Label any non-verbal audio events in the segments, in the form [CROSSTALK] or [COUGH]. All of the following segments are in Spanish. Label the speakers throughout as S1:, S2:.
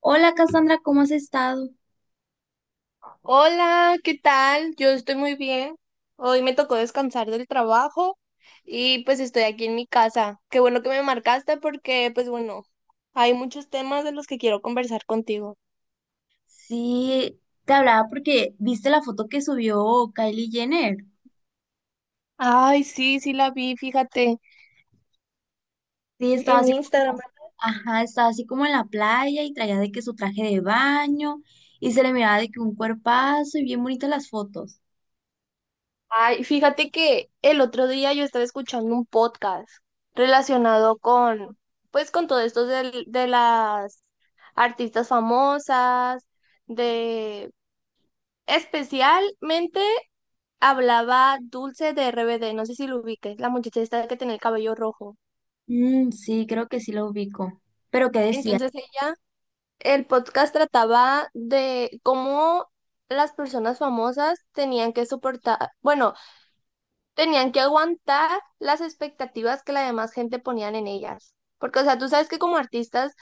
S1: Hola Cassandra, ¿cómo has estado?
S2: Hola, ¿qué tal? Yo estoy muy bien. Hoy me tocó descansar del trabajo y pues estoy aquí en mi casa. Qué bueno que me marcaste porque pues bueno, hay muchos temas de los que quiero conversar contigo.
S1: Sí, te hablaba porque viste la foto que subió Kylie Jenner.
S2: Ay, sí, sí la vi, fíjate,
S1: Sí, estaba
S2: en
S1: así como,
S2: Instagram.
S1: ajá, estaba así como en la playa y traía de que su traje de baño y se le miraba de que un cuerpazo y bien bonitas las fotos.
S2: Ay, fíjate que el otro día yo estaba escuchando un podcast relacionado con pues con todo esto de las artistas famosas, de especialmente hablaba Dulce de RBD, no sé si lo ubiques, la muchacha esta que tenía el cabello rojo.
S1: Mm, sí, creo que sí lo ubico. Pero ¿qué decían?
S2: Entonces ella, el podcast trataba de cómo las personas famosas tenían que soportar, bueno, tenían que aguantar las expectativas que la demás gente ponían en ellas. Porque, o sea, tú sabes que como artistas.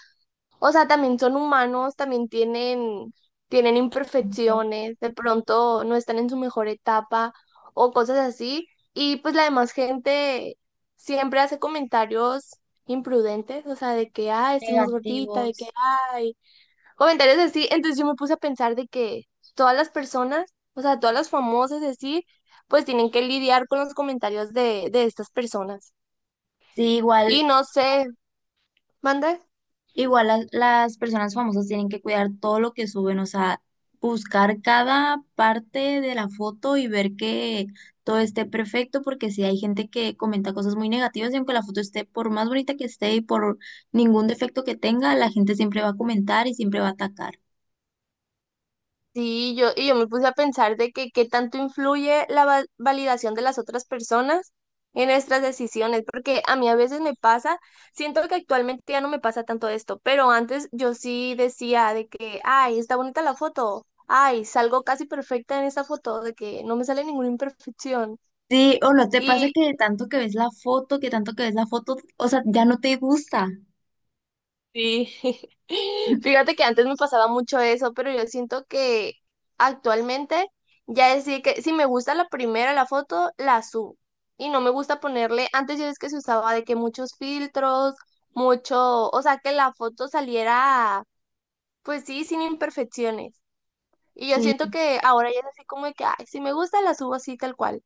S2: O sea, también son humanos, también tienen imperfecciones, de pronto no están en su mejor etapa o cosas así. Y pues la demás gente siempre hace comentarios imprudentes, o sea, de que, ay, estás más gordita, de que,
S1: Negativos.
S2: ay, comentarios así. Entonces yo me puse a pensar de que todas las personas, o sea, todas las famosas así, pues tienen que lidiar con los comentarios de estas personas.
S1: Sí, igual.
S2: Y no sé, manda.
S1: Igual las personas famosas tienen que cuidar todo lo que suben, o sea, buscar cada parte de la foto y ver que todo esté perfecto, porque si hay gente que comenta cosas muy negativas y aunque la foto esté por más bonita que esté y por ningún defecto que tenga, la gente siempre va a comentar y siempre va a atacar.
S2: Sí, yo me puse a pensar de que qué tanto influye la validación de las otras personas en nuestras decisiones, porque a mí a veces me pasa, siento que actualmente ya no me pasa tanto esto, pero antes yo sí decía de que, ay, está bonita la foto, ay, salgo casi perfecta en esa foto, de que no me sale ninguna imperfección.
S1: Sí, ¿o no te pasa que de tanto que ves la foto, que tanto que ves la foto, o sea, ya no te gusta?
S2: Sí, [LAUGHS]
S1: Sí,
S2: fíjate que antes me pasaba mucho eso, pero yo siento que actualmente ya es de que si me gusta la primera, la foto, la subo. Y no me gusta ponerle, antes ya es que se usaba de que muchos filtros, mucho, o sea, que la foto saliera, pues sí, sin imperfecciones. Y yo siento que ahora ya es así como de que, ay, si me gusta, la subo así tal cual.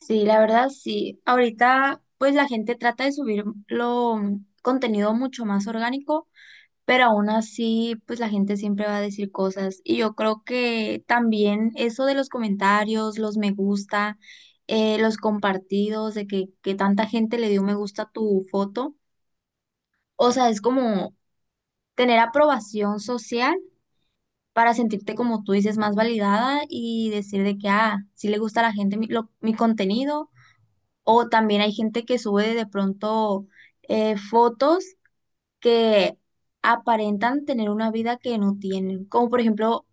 S1: sí, la verdad sí. Ahorita pues la gente trata de subir lo contenido mucho más orgánico, pero aún así, pues la gente siempre va a decir cosas. Y yo creo que también eso de los comentarios, los me gusta, los compartidos, de que tanta gente le dio me gusta a tu foto, o sea, es como tener aprobación social para sentirte, como tú dices, más validada y decir de que, ah, sí le gusta a la gente mi, lo- mi contenido. O también hay gente que sube de pronto fotos que aparentan tener una vida que no tienen. Como por ejemplo,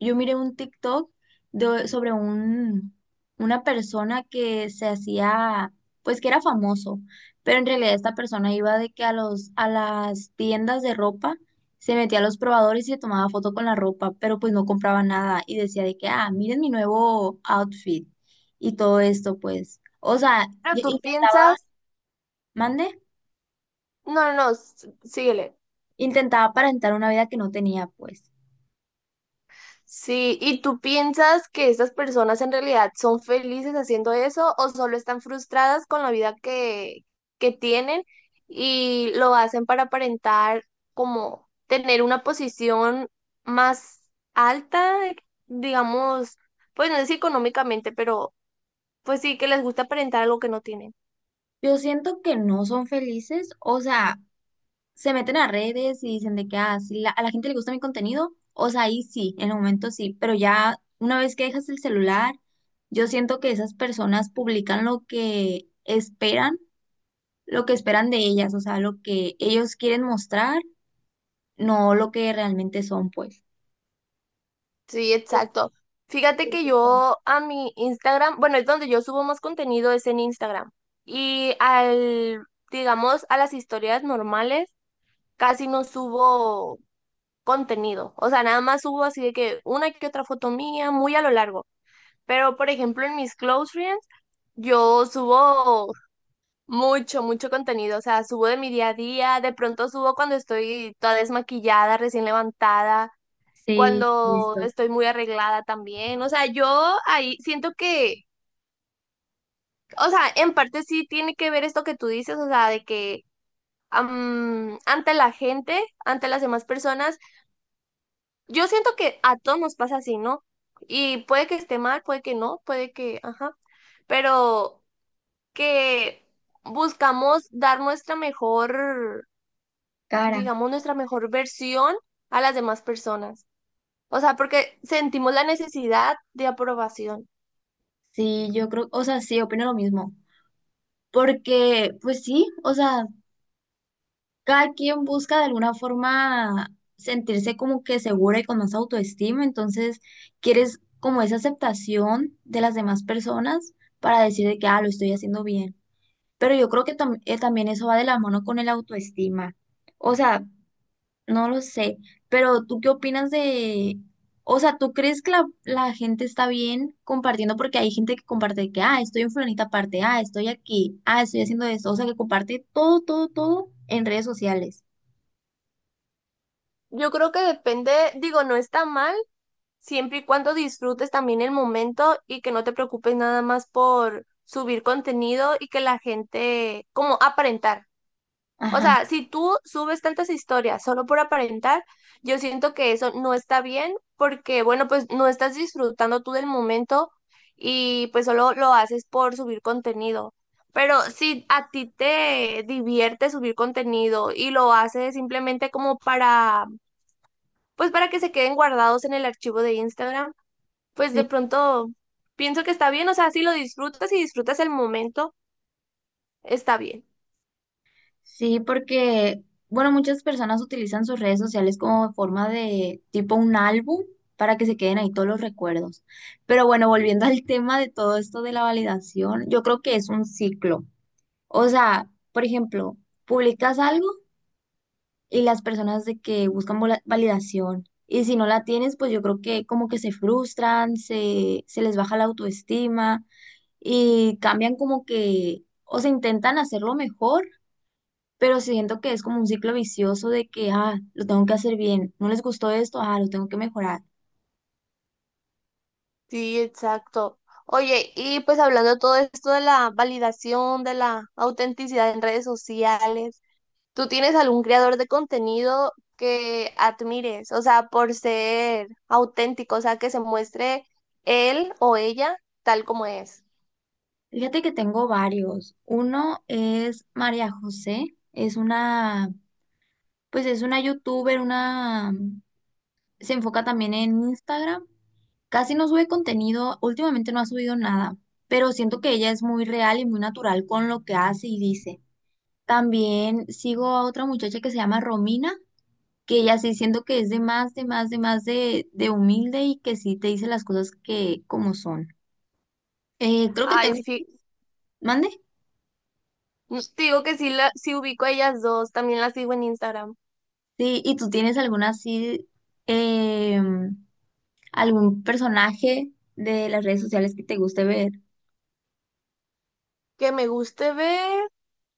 S1: yo miré un TikTok de, sobre un, una persona que se hacía, pues que era famoso, pero en realidad esta persona iba de que a los, a las tiendas de ropa, se metía a los probadores y se tomaba foto con la ropa, pero pues no compraba nada y decía de que, ah, miren mi nuevo outfit y todo esto, pues. O sea,
S2: Pero tú
S1: y-
S2: piensas...
S1: mande,
S2: No, síguele.
S1: intentaba aparentar una vida que no tenía, pues.
S2: Sí, ¿y tú piensas que estas personas en realidad son felices haciendo eso o solo están frustradas con la vida que tienen y lo hacen para aparentar como tener una posición más alta, digamos, pues no sé si económicamente, pero pues sí que les gusta aparentar algo que no tienen?
S1: Yo siento que no son felices, o sea, se meten a redes y dicen de que ah, sí la- a la gente le gusta mi contenido, o sea, ahí sí, en el momento sí, pero ya una vez que dejas el celular, yo siento que esas personas publican lo que esperan de ellas, o sea, lo que ellos quieren mostrar, no lo que realmente son, pues.
S2: Sí, exacto. Fíjate que yo a mi Instagram, bueno, es donde yo subo más contenido, es en Instagram. Y al, digamos, a las historias normales, casi no subo contenido. O sea, nada más subo así de que una que otra foto mía, muy a lo largo. Pero, por ejemplo, en mis close friends, yo subo mucho, mucho contenido. O sea, subo de mi día a día, de pronto subo cuando estoy toda desmaquillada, recién levantada
S1: Sí,
S2: cuando
S1: listo.
S2: estoy muy arreglada también. O sea, yo ahí siento que, o sea, en parte sí tiene que ver esto que tú dices, o sea, de que ante la gente, ante las demás personas, yo siento que a todos nos pasa así, ¿no? Y puede que esté mal, puede que no, puede que, ajá, pero que buscamos dar nuestra mejor,
S1: Cara.
S2: digamos, nuestra mejor versión a las demás personas. O sea, porque sentimos la necesidad de aprobación.
S1: Sí, yo creo, o sea, sí, opino lo mismo. Porque, pues sí, o sea, cada quien busca de alguna forma sentirse como que segura y con más autoestima, entonces quieres como esa aceptación de las demás personas para decir de que, ah, lo estoy haciendo bien. Pero yo creo que tam- también eso va de la mano con el autoestima. O sea, no lo sé, pero ¿tú qué opinas de... O sea, ¿tú crees que la gente está bien compartiendo? Porque hay gente que comparte que, ah, estoy en fulanita parte, ah, estoy aquí, ah, estoy haciendo esto. O sea, que comparte todo, todo, todo en redes sociales.
S2: Yo creo que depende, digo, no está mal, siempre y cuando disfrutes también el momento y que no te preocupes nada más por subir contenido y que la gente, como aparentar. O
S1: Ajá,
S2: sea, si tú subes tantas historias solo por aparentar, yo siento que eso no está bien porque, bueno, pues no estás disfrutando tú del momento y pues solo lo haces por subir contenido. Pero si a ti te divierte subir contenido y lo haces simplemente como para pues para que se queden guardados en el archivo de Instagram, pues
S1: sí,
S2: de pronto pienso que está bien, o sea, si lo disfrutas y disfrutas el momento, está bien.
S1: sí, porque, bueno, muchas personas utilizan sus redes sociales como forma de tipo un álbum para que se queden ahí todos los recuerdos. Pero bueno, volviendo [LAUGHS] al tema de todo esto de la validación, yo creo que es un ciclo. O sea, por ejemplo, publicas algo y las personas de que buscan vola- validación y si no la tienes, pues yo creo que como que se frustran, se les baja la autoestima y cambian como que, o se intentan hacerlo mejor, pero siento que es como un ciclo vicioso de que, ah, lo tengo que hacer bien, no les gustó esto, ah, lo tengo que mejorar.
S2: Sí, exacto. Oye, y pues hablando de todo esto de la validación, de la autenticidad en redes sociales, ¿tú tienes algún creador de contenido que admires? O sea, por ser auténtico, o sea, que se muestre él o ella tal como es.
S1: Fíjate que tengo varios. Uno es María José, es una, pues es una youtuber, una, se enfoca también en Instagram. Casi no sube contenido, últimamente no ha subido nada, pero siento que ella es muy real y muy natural con lo que hace y dice. También sigo a otra muchacha que se llama Romina, que ella sí siento que es de más, de más, de humilde y que sí te dice las cosas que como son. Creo que
S2: Ay,
S1: tengo,
S2: sí,
S1: mande.
S2: te digo que sí, sí ubico a ellas dos, también las sigo en Instagram.
S1: Sí, ¿y tú tienes alguna así, eh, algún personaje de las redes sociales que te guste ver?
S2: Que me guste ver,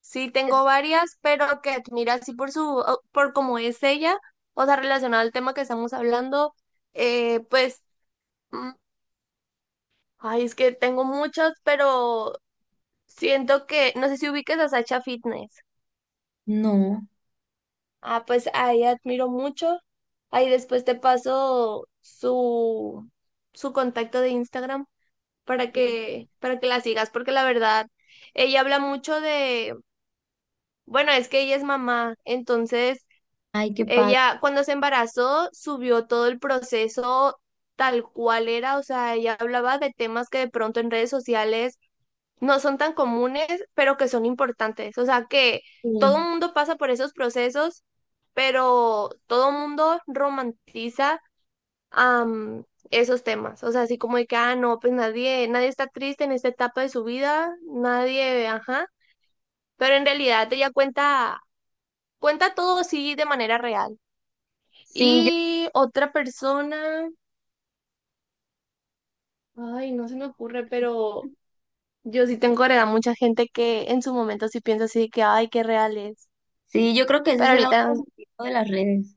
S2: sí
S1: Pues,
S2: tengo varias, pero que admira así por su, por cómo es ella, o sea, relacionada al tema que estamos hablando, pues, mm, ay, es que tengo muchos, pero siento que, no sé si ubiques a Sacha Fitness.
S1: no,
S2: Ah, pues a ella admiro mucho. Ahí después te paso su, su contacto de Instagram para que la sigas, porque la verdad, ella habla mucho de, bueno, es que ella es mamá, entonces
S1: ay, qué padre.
S2: ella, cuando se embarazó, subió todo el proceso tal cual era, o sea, ella hablaba de temas que de pronto en redes sociales no son tan comunes, pero que son importantes. O sea, que
S1: Sí,
S2: todo el mundo pasa por esos procesos, pero todo el mundo romantiza am, esos temas. O sea, así como de que, ah, no, pues nadie, nadie está triste en esta etapa de su vida, nadie, ajá. Pero en realidad ella cuenta todo sí de manera real.
S1: sí, yo,
S2: Y otra persona, ay, no se me ocurre, pero yo sí tengo agregada mucha gente que en su momento sí piensa así de que, ay, qué real es.
S1: sí, yo creo que ese
S2: Pero
S1: es el lado
S2: ahorita,
S1: positivo de las redes.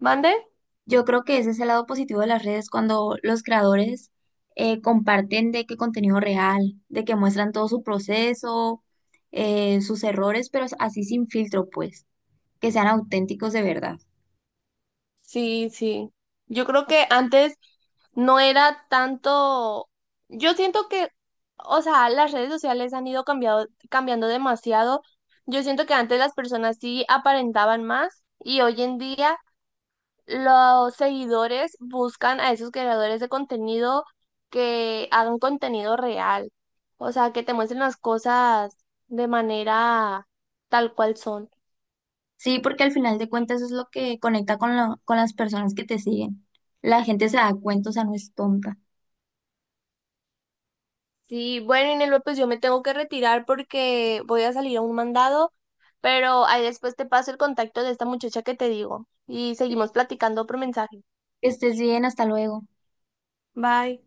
S2: ¿mande?
S1: Yo creo que ese es el lado positivo de las redes cuando los creadores comparten de qué contenido real, de que muestran todo su proceso, sus errores, pero así sin filtro, pues, que sean auténticos de verdad.
S2: Sí, sí. Yo creo que antes no era tanto. Yo siento que, o sea, las redes sociales han ido cambiando demasiado. Yo siento que antes las personas sí aparentaban más y hoy en día los seguidores buscan a esos creadores de contenido que hagan contenido real, o sea, que te muestren las cosas de manera tal cual son.
S1: Sí, porque al final de cuentas eso es lo que conecta con, la- con las personas que te siguen. La gente se da cuenta, o sea, no es tonta.
S2: Sí, bueno, Inelva, pues yo me tengo que retirar porque voy a salir a un mandado, pero ahí después te paso el contacto de esta muchacha que te digo y
S1: Sí,
S2: seguimos platicando por mensaje.
S1: que estés bien, hasta luego.
S2: Bye.